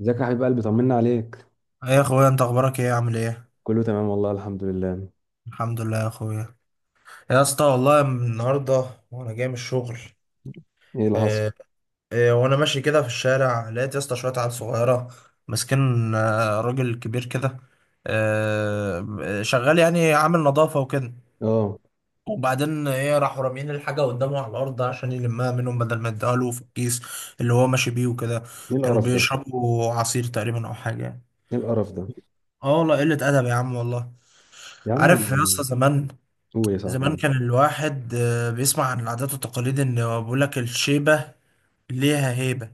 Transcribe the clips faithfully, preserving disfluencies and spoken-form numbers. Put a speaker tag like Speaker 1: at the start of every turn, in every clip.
Speaker 1: ازيك يا حبيب قلبي، طمنا عليك.
Speaker 2: ايه يا اخويا، انت اخبارك ايه؟ عامل ايه؟
Speaker 1: كله تمام والله، الحمد لله.
Speaker 2: الحمد لله يا اخويا. يا اسطى، والله من النهارده وانا جاي من الشغل.
Speaker 1: ايه اللي حصل؟
Speaker 2: إيه؟ إيه، وانا ماشي كده في الشارع لقيت يا اسطى شويه عيال صغيره ماسكين آه، راجل كبير كده. آه، شغال يعني، عامل نظافه وكده.
Speaker 1: اه.
Speaker 2: وبعدين ايه، راحوا راميين الحاجه قدامه على الارض عشان يلمها منهم بدل ما يديها له في الكيس اللي هو ماشي بيه وكده.
Speaker 1: ايه
Speaker 2: كانوا
Speaker 1: القرف ده!
Speaker 2: بيشربوا عصير تقريبا او حاجه يعني.
Speaker 1: ايه القرف ده!
Speaker 2: اه والله، قله ادب يا عم والله.
Speaker 1: يا عم
Speaker 2: عارف يا
Speaker 1: ال-
Speaker 2: اسطى، زمان...
Speaker 1: قول يا صاحبي
Speaker 2: زمان
Speaker 1: قول.
Speaker 2: كان الواحد آه، بيسمع عن العادات والتقاليد، ان بيقول لك الشيبة ليها هيبة.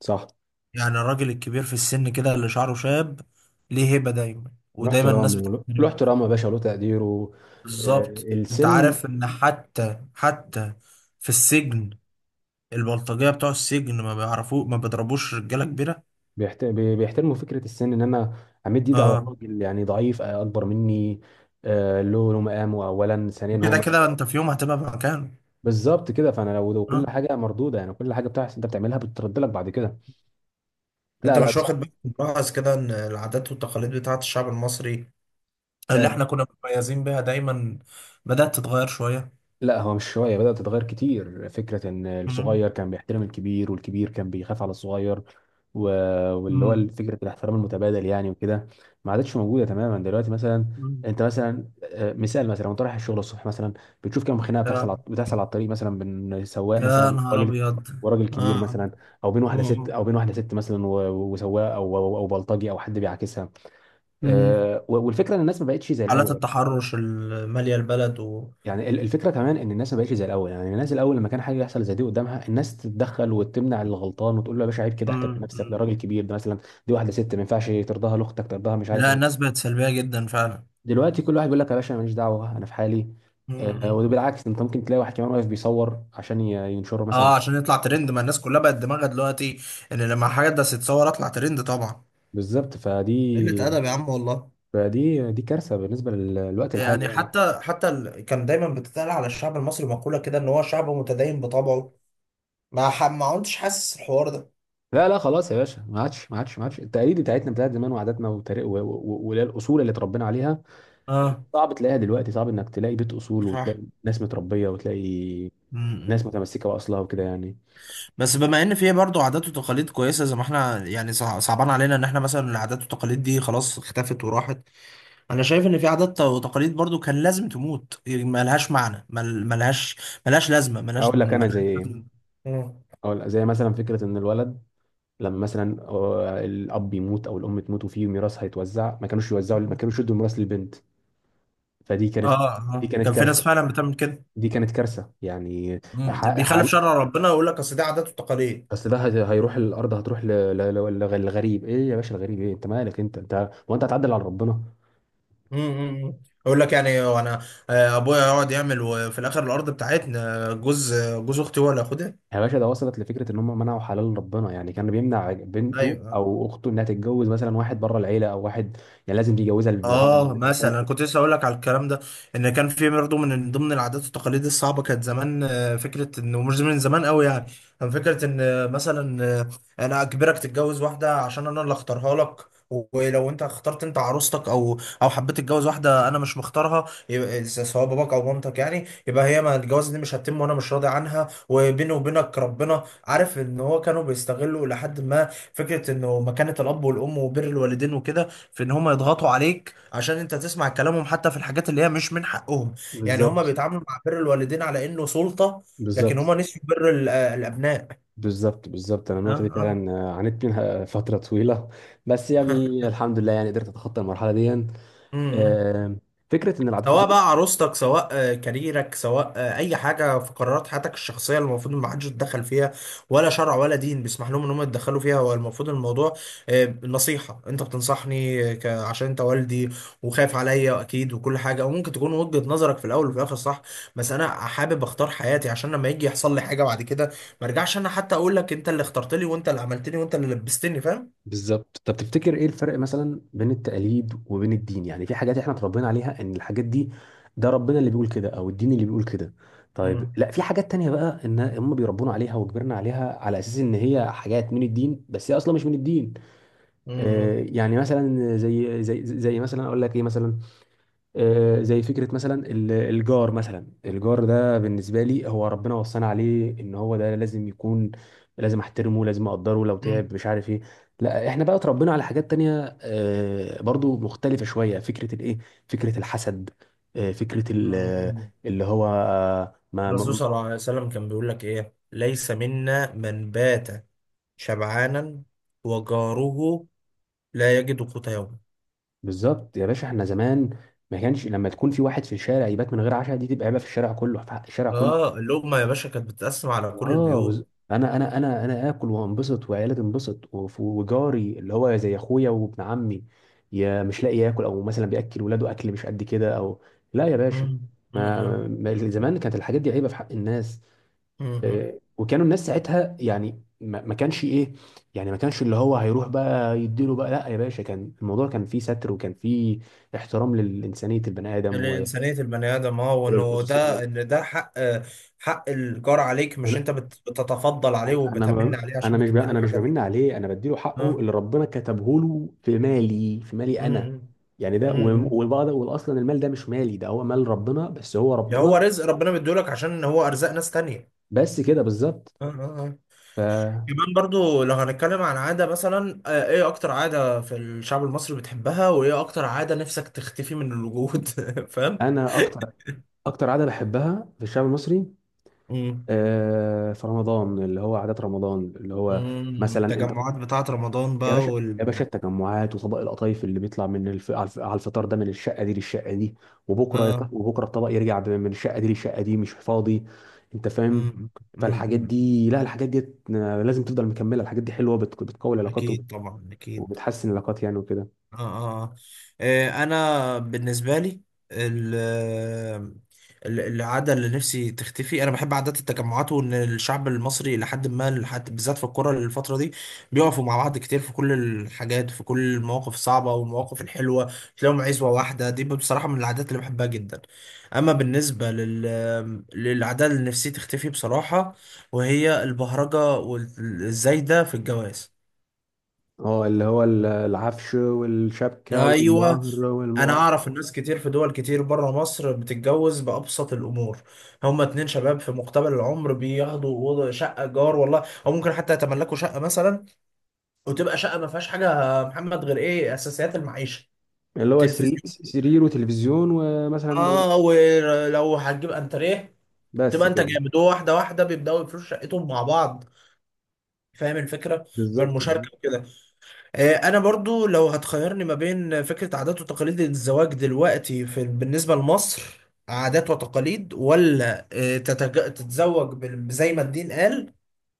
Speaker 1: صح.
Speaker 2: يعني الراجل الكبير في السن كده اللي شعره شاب ليه هيبة دايما،
Speaker 1: له
Speaker 2: ودايما الناس
Speaker 1: احترامه وله- له
Speaker 2: بتحترمه.
Speaker 1: احترامه يا باشا، وله تقديره. آه،
Speaker 2: بالظبط، انت
Speaker 1: السن.
Speaker 2: عارف ان حتى حتى في السجن البلطجية بتوع السجن ما بيعرفوه، ما بيضربوش رجالة كبيرة.
Speaker 1: بيحت- بي- بيحترموا فكره السن ان انا امد ايدي على
Speaker 2: اه.
Speaker 1: الراجل يعني ضعيف، آه، اكبر مني. آه، له له مقامه اولا، ثانيا هو
Speaker 2: وكده
Speaker 1: م-
Speaker 2: كده انت في يوم هتبقى في مكانه.
Speaker 1: بالظبط كده. فانا لو لو كل
Speaker 2: اه.
Speaker 1: حاجه مردوده، يعني كل حاجه بتحصل انت بتعملها بترد لك بعد كده.
Speaker 2: انت
Speaker 1: لا لا،
Speaker 2: مش واخد
Speaker 1: بصراحه.
Speaker 2: بالك؟ ملاحظ كده ان العادات والتقاليد بتاعت الشعب المصري، اللي
Speaker 1: آه،
Speaker 2: احنا كنا متميزين بيها دايما، بدأت تتغير شوية.
Speaker 1: لا هو مش شوية بدأت تتغير، كتير فكرة إن الصغير
Speaker 2: مم.
Speaker 1: كان بيحترم الكبير والكبير كان بيخاف على الصغير. و... واللي هو
Speaker 2: مم.
Speaker 1: فكرة الاحترام المتبادل يعني وكده، ما عادتش موجودة تماما دلوقتي مثلا.
Speaker 2: مم.
Speaker 1: أنت مثلا، آه، مثال مثلا، وأنت رايح الشغل الصبح مثلا بتشوف كم خناقة بتحصل
Speaker 2: يا
Speaker 1: على... بتحصل على الطريق مثلا بين سواق
Speaker 2: يا
Speaker 1: مثلا
Speaker 2: نهار
Speaker 1: وراجل،
Speaker 2: أبيض.
Speaker 1: وراجل كبير
Speaker 2: آه.
Speaker 1: مثلا، أو بين واحدة ست،
Speaker 2: مم.
Speaker 1: أو بين واحدة ست مثلا و... وسواق، أو أو أو بلطجي أو حد بيعاكسها.
Speaker 2: مم.
Speaker 1: آه، والفكرة إن الناس ما بقتش زي
Speaker 2: حالات
Speaker 1: الأول.
Speaker 2: التحرش اللي مالية البلد و...
Speaker 1: يعني ال- الفكره كمان ان الناس ما بقتش زي الاول، يعني الناس الاول لما كان حاجه يحصل زي دي قدامها، الناس تتدخل وتمنع الغلطان وتقول له يا باشا عيب كده، احترم
Speaker 2: مم.
Speaker 1: نفسك، ده
Speaker 2: مم.
Speaker 1: راجل كبير ده مثلا، دي واحده ست ما ينفعش ترضاها لاختك ترضاها، مش عارف
Speaker 2: لا، الناس
Speaker 1: ايه.
Speaker 2: بقت سلبية جدا فعلا.
Speaker 1: دلوقتي كل واحد بيقول لك يا باشا أنا ماليش دعوه انا في حالي. آه،
Speaker 2: مم.
Speaker 1: وبالعكس انت ممكن تلاقي واحد كمان واقف بيصور عشان ي- ينشره مثلا.
Speaker 2: اه، عشان يطلع ترند، ما الناس كلها بقت دماغها دلوقتي ان لما حاجة ده تتصور اطلع ترند طبعا.
Speaker 1: بالظبط.
Speaker 2: قلة
Speaker 1: فدي
Speaker 2: أدب يا عم والله.
Speaker 1: فدي دي كارثه بالنسبه لل- للوقت الحالي
Speaker 2: يعني
Speaker 1: يعني.
Speaker 2: حتى حتى ال... كان دايما بتتقال على الشعب المصري مقولة كده ان هو شعب متدين بطبعه. ما ح... ما كنتش حاسس الحوار ده.
Speaker 1: لا لا، خلاص يا باشا، ما عادش ما عادش ما عادش. التقاليد بتاعتنا بتاعت زمان وعاداتنا وتاريخ- و- و- و- والاصول اللي اتربينا عليها
Speaker 2: اه.
Speaker 1: صعب تلاقيها دلوقتي. صعب انك تلاقي بيت اصول، وتلاقي
Speaker 2: صح.
Speaker 1: ناس متربيه، وتلاقي ناس
Speaker 2: امم.
Speaker 1: متمسكه باصلها وكده يعني.
Speaker 2: بس بما ان في برضه عادات وتقاليد كويسه زي ما احنا يعني، صع- صعبان علينا ان احنا مثلا العادات والتقاليد دي خلاص اختفت وراحت. انا شايف ان في عادات وتقاليد برضه كان لازم تموت، يعني ملهاش معنى، مل- ملهاش ملهاش لازمه، ملهاش
Speaker 1: اقول لك انا
Speaker 2: ملهاش
Speaker 1: زي
Speaker 2: لازمه.
Speaker 1: ايه.
Speaker 2: مم.
Speaker 1: اقول زي مثلا فكره ان الولد لما مثلا، آه، الاب يموت او الام تموت وفي ميراث هيتوزع، ما كانوش يوزعوا، ما كانوش يدوا الميراث للبنت. فدي كانت،
Speaker 2: اه،
Speaker 1: دي
Speaker 2: اه،
Speaker 1: كانت
Speaker 2: كان في ناس
Speaker 1: كارثه،
Speaker 2: فعلا بتعمل كده.
Speaker 1: دي كانت كارثه يعني.
Speaker 2: امم.
Speaker 1: ح-
Speaker 2: بيخالف
Speaker 1: حال،
Speaker 2: شرع ربنا ويقول لك اصل دي عادات وتقاليد.
Speaker 1: بس ده هي- هيروح، الارض هتروح ل- ل- ل- لغريب؟ ايه يا باشا الغريب؟ ايه؟ انت مالك؟ انت انت هو انت هتعدل على ربنا؟
Speaker 2: امم. اقول لك يعني، وانا آه، ابويا يقعد يعمل وفي الاخر الارض بتاعتنا جوز جوز اختي هو اللي ياخدها.
Speaker 1: يا باشا ده وصلت لفكره ان هم منعوا حلال ربنا، يعني كان بيمنع بنته
Speaker 2: ايوه.
Speaker 1: او اخته انها تتجوز مثلا واحد بره العيله او واحد، يعني لازم يجوزها لابن عمه
Speaker 2: اه،
Speaker 1: ولابن
Speaker 2: مثلا انا
Speaker 1: خالته.
Speaker 2: كنت لسه اقول لك على الكلام ده. ان كان في برضه من ضمن العادات والتقاليد الصعبه كانت زمان، آه، فكره انه مش من زمان قوي يعني. كان فكره ان آه، مثلا آه، انا اجبرك تتجوز واحده عشان انا اللي اختارها لك. ولو انت اخترت انت عروستك او او حبيت تتجوز واحده انا مش مختارها، يبقى س- سواء باباك او مامتك، يعني يبقى هي ما الجواز دي مش هتتم وانا مش راضي عنها، وبيني وبينك ربنا عارف ان هو كانوا بيستغلوا لحد ما... فكره انه مكانه الاب والام وبر الوالدين وكده في ان هم يضغطوا عليك عشان انت تسمع كلامهم، حتى في الحاجات اللي هي مش من حقهم. يعني هما
Speaker 1: بالظبط،
Speaker 2: بيتعاملوا مع بر الوالدين على انه سلطة. لكن
Speaker 1: بالظبط.
Speaker 2: هما نسيوا بر ال- آه، الابناء.
Speaker 1: بالظبط، بالظبط، انا
Speaker 2: اه.
Speaker 1: النقطه دي
Speaker 2: اه.
Speaker 1: فعلا، آه، عانيت منها فتره طويله. بس يعني الحمد لله، يعني قدرت اتخطى المرحله دي.
Speaker 2: أمم.
Speaker 1: آه، فكره ان العادات.
Speaker 2: سواء بقى عروستك، سواء آه، كاريرك، سواء آه، اي حاجه في قرارات حياتك الشخصيه اللي المفروض ما حدش يتدخل فيها. ولا شرع ولا دين بيسمح لهم ان هم يتدخلوا فيها. هو المفروض الموضوع آه، نصيحه انت بتنصحني، آه، ك- عشان انت والدي وخايف عليا اكيد وكل حاجه، وممكن تكون وجهه نظرك في الاول وفي الاخر صح. بس انا حابب اختار حياتي، عشان لما يجي يحصل لي حاجه بعد كده ما ارجعش انا حتى اقول لك انت اللي اخترت لي وانت اللي عملتني وانت اللي لبستني، فاهم؟
Speaker 1: بالظبط. طب تفتكر ايه الفرق مثلا بين التقاليد وبين الدين؟ يعني في حاجات احنا اتربينا عليها ان الحاجات دي، ده ربنا اللي بيقول كده، او الدين اللي بيقول كده. طيب لا، في حاجات تانية بقى ان هم بيربونا عليها وكبرنا عليها على اساس ان هي حاجات من الدين، بس هي اصلا مش من الدين. آه
Speaker 2: امم.
Speaker 1: يعني مثلا، زي زي زي مثلا اقول لك ايه مثلا، آه، زي فكرة مثلا ال- الجار. مثلا الجار ده بالنسبة لي هو ربنا وصانا عليه ان هو ده لازم يكون، لازم احترمه، لازم اقدره لو تعب، مش عارف ايه. لا احنا بقى اتربينا على حاجات تانية، آه، برضو مختلفة شوية. فكرة الايه، فكرة الحسد، آه، فكرة ال- آه،
Speaker 2: امم.
Speaker 1: اللي هو آه، ما
Speaker 2: الرسول
Speaker 1: ما-
Speaker 2: صلى الله عليه وسلم كان بيقول لك ايه: ليس منا من بات شبعانا وجاره لا يجد قوت يومه.
Speaker 1: بالظبط يا باشا. احنا زمان ما كانش لما تكون في واحد في الشارع يبات من غير عشاء، دي تبقى عيبة في الشارع كله، في حق الشارع كله.
Speaker 2: اه، اللقمة يا باشا كانت بتتقسم على كل
Speaker 1: اه.
Speaker 2: البيوت.
Speaker 1: بز... انا انا انا انا اكل وانبسط وعيالي تنبسط، وف- وجاري اللي هو زي اخويا وابن عمي يا مش لاقي ياكل، او مثلا بياكل ولاده اكل مش قد كده، او لا يا باشا.
Speaker 2: مم. مم.
Speaker 1: ما ما-
Speaker 2: مم.
Speaker 1: زمان كانت الحاجات دي عيبه في حق الناس.
Speaker 2: مم.
Speaker 1: آه، وكانوا الناس ساعتها يعني ما ما كانش ايه، يعني ما كانش اللي هو هيروح بقى يديله بقى. لا يا باشا، كان الموضوع كان فيه ستر، وكان فيه احترام لإنسانية البني آدم و-
Speaker 2: الإنسانية البني آدم، اه، وإنه
Speaker 1: وللخصوصية.
Speaker 2: ده، إن ده حق. حق الجار عليك، مش أنت بت- بتتفضل عليه
Speaker 1: انا انا
Speaker 2: وبتمن
Speaker 1: ما-
Speaker 2: عليه
Speaker 1: انا
Speaker 2: عشان
Speaker 1: مش ب...
Speaker 2: بتديله
Speaker 1: انا مش
Speaker 2: الحاجة دي.
Speaker 1: بمن عليه، انا بديله حقه
Speaker 2: اه.
Speaker 1: اللي ربنا كتبه له في مالي، في مالي انا.
Speaker 2: مم.
Speaker 1: يعني ده
Speaker 2: مم.
Speaker 1: و-
Speaker 2: مم.
Speaker 1: والبعض يقول اصلا المال ده مش مالي، ده هو مال ربنا، بس هو
Speaker 2: ده
Speaker 1: ربنا.
Speaker 2: هو رزق ربنا مديهولك، عشان هو أرزاق ناس تانية.
Speaker 1: بس كده بالظبط.
Speaker 2: اه. اه. آه.
Speaker 1: فانا.
Speaker 2: كمان برضو لو هنتكلم عن عادة مثلا، آه، ايه اكتر عادة في الشعب المصري بتحبها؟ وايه اكتر عادة نفسك تختفي من الوجود؟ فاهم؟
Speaker 1: اكتر اكتر عاده بحبها في الشعب المصري،
Speaker 2: امم.
Speaker 1: آه، في رمضان، اللي هو عادات رمضان اللي هو
Speaker 2: امم.
Speaker 1: مثلا انت.
Speaker 2: التجمعات بتاعة رمضان
Speaker 1: يا
Speaker 2: بقى
Speaker 1: باشا، يا
Speaker 2: وال
Speaker 1: باشا، التجمعات وطبق القطايف اللي بيطلع من الف... على الف- على الفطار، ده من الشقه دي للشقه دي، وبكره يط-
Speaker 2: اه.
Speaker 1: وبكره الطبق يرجع ب- من الشقه دي للشقه دي مش فاضي. انت فاهم؟
Speaker 2: امم. امم.
Speaker 1: فالحاجات
Speaker 2: أمم.
Speaker 1: دي، لا الحاجات دي لازم تفضل مكمله، الحاجات دي حلوه، بت... بتقوي العلاقات وب-
Speaker 2: اكيد طبعا، اكيد.
Speaker 1: وبتحسن العلاقات يعني وكده.
Speaker 2: اه. اه. اه. آه، انا بالنسبه لي ال- ال- العاده اللي نفسي تختفي، انا بحب عادات التجمعات وان الشعب المصري لحد ما لحد بالذات في الكوره الفتره دي بيقفوا مع بعض كتير في كل الحاجات، في كل المواقف الصعبه والمواقف الحلوه. تلاقيهم عزوه واحده، دي بصراحه من العادات اللي بحبها جدا. اما بالنسبه لل للعاده اللي نفسي تختفي بصراحه، وهي البهرجه والزايده في الجواز.
Speaker 1: اه، اللي هو ال- العفش والشبكه
Speaker 2: ايوه.
Speaker 1: والمهر
Speaker 2: انا
Speaker 1: والمؤخ.
Speaker 2: اعرف الناس كتير في دول كتير بره مصر بتتجوز بابسط الامور. هما اتنين شباب في مقتبل العمر بياخدوا أوضة- شقه جار والله، او ممكن حتى يتملكوا شقه مثلا، وتبقى شقه ما فيهاش حاجه يا محمد غير ايه، اساسيات المعيشه.
Speaker 1: اللي هو سري...
Speaker 2: تلفزيون.
Speaker 1: سرير وتلفزيون ومثلا.
Speaker 2: اه، ولو هتجيب انتريه
Speaker 1: بس
Speaker 2: تبقى انت
Speaker 1: كده.
Speaker 2: جامد. هو واحده واحده بيبداوا يفرشوا شقتهم مع بعض، فاهم الفكره؟
Speaker 1: بالظبط، بالظبط.
Speaker 2: بالمشاركه وكده. آه، انا برضو لو هتخيرني ما بين فكرة عادات وتقاليد الزواج دلوقتي في بالنسبة لمصر، عادات وتقاليد، ولا آه، تتج- تتزوج بال- زي ما الدين قال؟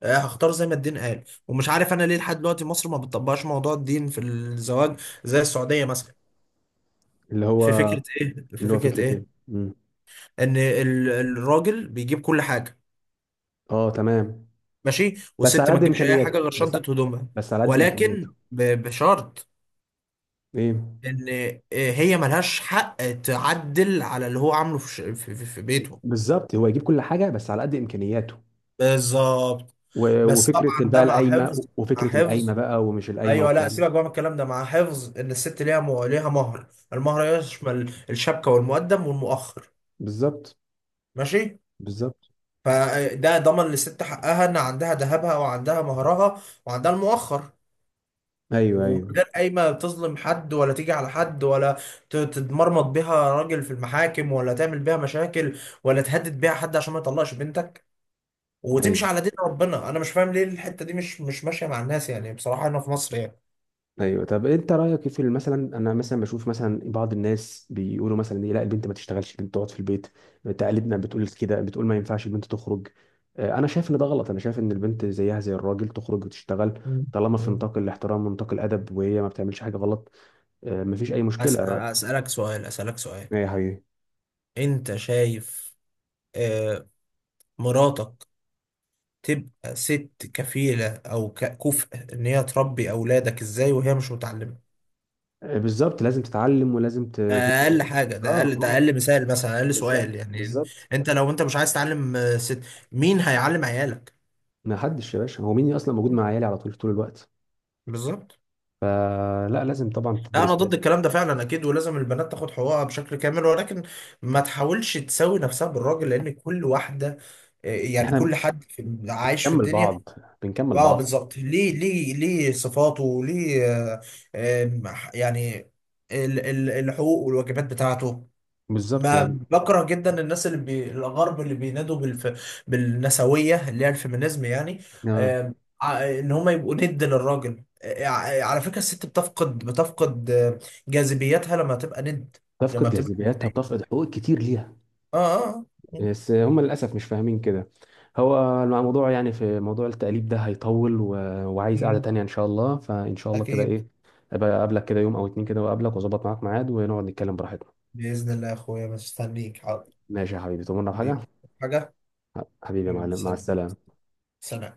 Speaker 2: آه، هختار زي ما الدين قال. ومش عارف انا ليه لحد دلوقتي مصر ما بتطبقش موضوع الدين في الزواج زي السعودية مثلا.
Speaker 1: اللي هو
Speaker 2: في فكرة ايه، في
Speaker 1: اللي هو
Speaker 2: فكرة
Speaker 1: فكرتين.
Speaker 2: ايه،
Speaker 1: مم.
Speaker 2: ان ال- الراجل بيجيب كل حاجة.
Speaker 1: اه تمام.
Speaker 2: ماشي،
Speaker 1: بس على
Speaker 2: والست ما
Speaker 1: قد
Speaker 2: تجيبش اي حاجة
Speaker 1: امكانياته،
Speaker 2: غير
Speaker 1: بس.
Speaker 2: شنطة هدومها.
Speaker 1: بس على قد
Speaker 2: ولكن
Speaker 1: امكانياته.
Speaker 2: ب- بشرط
Speaker 1: ايه.
Speaker 2: ان آه، هي ملهاش حق تعدل على اللي هو عامله في ش- في في- في بيته.
Speaker 1: بالظبط، هو يجيب كل حاجه بس على قد امكانياته.
Speaker 2: بالظبط.
Speaker 1: و-
Speaker 2: بس
Speaker 1: وفكره
Speaker 2: طبعا
Speaker 1: بقى
Speaker 2: ده مع حفظ.
Speaker 1: القايمه،
Speaker 2: مع
Speaker 1: وفكره القايمه
Speaker 2: حفظ.
Speaker 1: بقى، ومش القايمه
Speaker 2: ايوه. لا
Speaker 1: والكلام ده.
Speaker 2: سيبك بقى من الكلام ده، مع حفظ ان الست ليها مو... ليها مهر. المهر يشمل الشبكه والمقدم والمؤخر.
Speaker 1: بالظبط.
Speaker 2: ماشي.
Speaker 1: بالظبط.
Speaker 2: فده ضمن للست حقها، ان عندها ذهبها وعندها مهرها وعندها المؤخر.
Speaker 1: ايوه،
Speaker 2: ومن
Speaker 1: ايوه،
Speaker 2: غير اي، ما تظلم حد ولا تيجي على حد ولا ت- تتمرمط بيها راجل في المحاكم، ولا تعمل بيها مشاكل، ولا تهدد بيها حد عشان ما يطلقش بنتك،
Speaker 1: ايوه،
Speaker 2: وتمشي على دين ربنا. انا مش فاهم ليه الحتة دي مش مش ماشية مع الناس يعني، بصراحة هنا في مصر يعني.
Speaker 1: ايوه. طب انت رايك إيه في ال- مثلا؟ انا مثلا بشوف مثلا بعض الناس بيقولوا مثلا ايه، لا البنت ما تشتغلش، البنت تقعد في البيت، تقاليدنا بتقول كده، بتقول ما ينفعش البنت تخرج. آه، انا شايف ان ده غلط. انا شايف ان البنت زيها زي الراجل تخرج وتشتغل
Speaker 2: مم.
Speaker 1: طالما في
Speaker 2: مم.
Speaker 1: نطاق الاحترام ونطاق الادب، وهي ما بتعملش حاجه غلط. آه، مفيش اي
Speaker 2: أس-
Speaker 1: مشكله.
Speaker 2: أسألك سؤال، أسألك سؤال.
Speaker 1: ايه يا حبيبي؟
Speaker 2: أنت شايف آه، مراتك تبقى ست كفيلة أو ك- كفء إن هي تربي أولادك، إزاي وهي مش متعلمة؟
Speaker 1: آه، بالظبط لازم تتعلم، ولازم ت-
Speaker 2: ده اقل
Speaker 1: تدرس.
Speaker 2: حاجه،
Speaker 1: اه
Speaker 2: ده اقل ده
Speaker 1: اه.
Speaker 2: اقل مثال، مثلا اقل سؤال
Speaker 1: بالظبط،
Speaker 2: يعني.
Speaker 1: بالظبط.
Speaker 2: انت لو انت مش عايز تعلم آه، ست، مين هيعلم عيالك؟
Speaker 1: ما حدش يا باشا، هو مين اصلا موجود مع عيالي على طول، طول الوقت؟
Speaker 2: بالظبط.
Speaker 1: آه لا، لازم طبعا
Speaker 2: لا، انا
Speaker 1: تدرس
Speaker 2: ضد
Speaker 1: ولازم.
Speaker 2: الكلام ده فعلا اكيد، ولازم البنات تاخد حقوقها بشكل كامل، ولكن ما تحاولش تساوي نفسها بالراجل، لان كل واحده آه، يعني
Speaker 1: احنا
Speaker 2: كل حد في- عايش في
Speaker 1: بنكمل بعض،
Speaker 2: الدنيا.
Speaker 1: بنكمل
Speaker 2: اه
Speaker 1: بعض.
Speaker 2: بالظبط، ليه ليه ليه صفاته وليه آه، آه، يعني ال- ال- الحقوق والواجبات بتاعته.
Speaker 1: بالظبط
Speaker 2: ما
Speaker 1: يعني.
Speaker 2: بكره جدا الناس اللي بي... الغرب اللي بينادوا بالف... بالنسويه اللي هي الفيمينيزم يعني.
Speaker 1: آه.
Speaker 2: آم، ع- ان هم يبقوا ند للراجل. آه، ع- على فكره الست بتفقد بتفقد آه، جاذبيتها لما تبقى ند، لما
Speaker 1: تفقد
Speaker 2: بتبقى
Speaker 1: جاذبيتها، بتفقد
Speaker 2: ندية.
Speaker 1: حقوق كتير ليها.
Speaker 2: اه. اه. آه.
Speaker 1: بس هم للاسف مش فاهمين كده. هو الموضوع يعني، في موضوع التقليب ده هيطول و... وعايز قعده
Speaker 2: مم.
Speaker 1: تانية ان شاء الله. فان شاء الله كده
Speaker 2: اكيد.
Speaker 1: ايه، ابقى اقابلك كده يوم او اتنين كده، واقابلك واظبط معاك ميعاد ونقعد نتكلم براحتنا.
Speaker 2: باذن الله يا اخويا، مستنيك حاضر.
Speaker 1: ماشي يا حبيبي، تؤمرنا بحاجة.
Speaker 2: حبيبي. حاجه.
Speaker 1: حبيبي يا
Speaker 2: حبيبي،
Speaker 1: معلم، مع
Speaker 2: سلام.
Speaker 1: السلامة.
Speaker 2: سلام.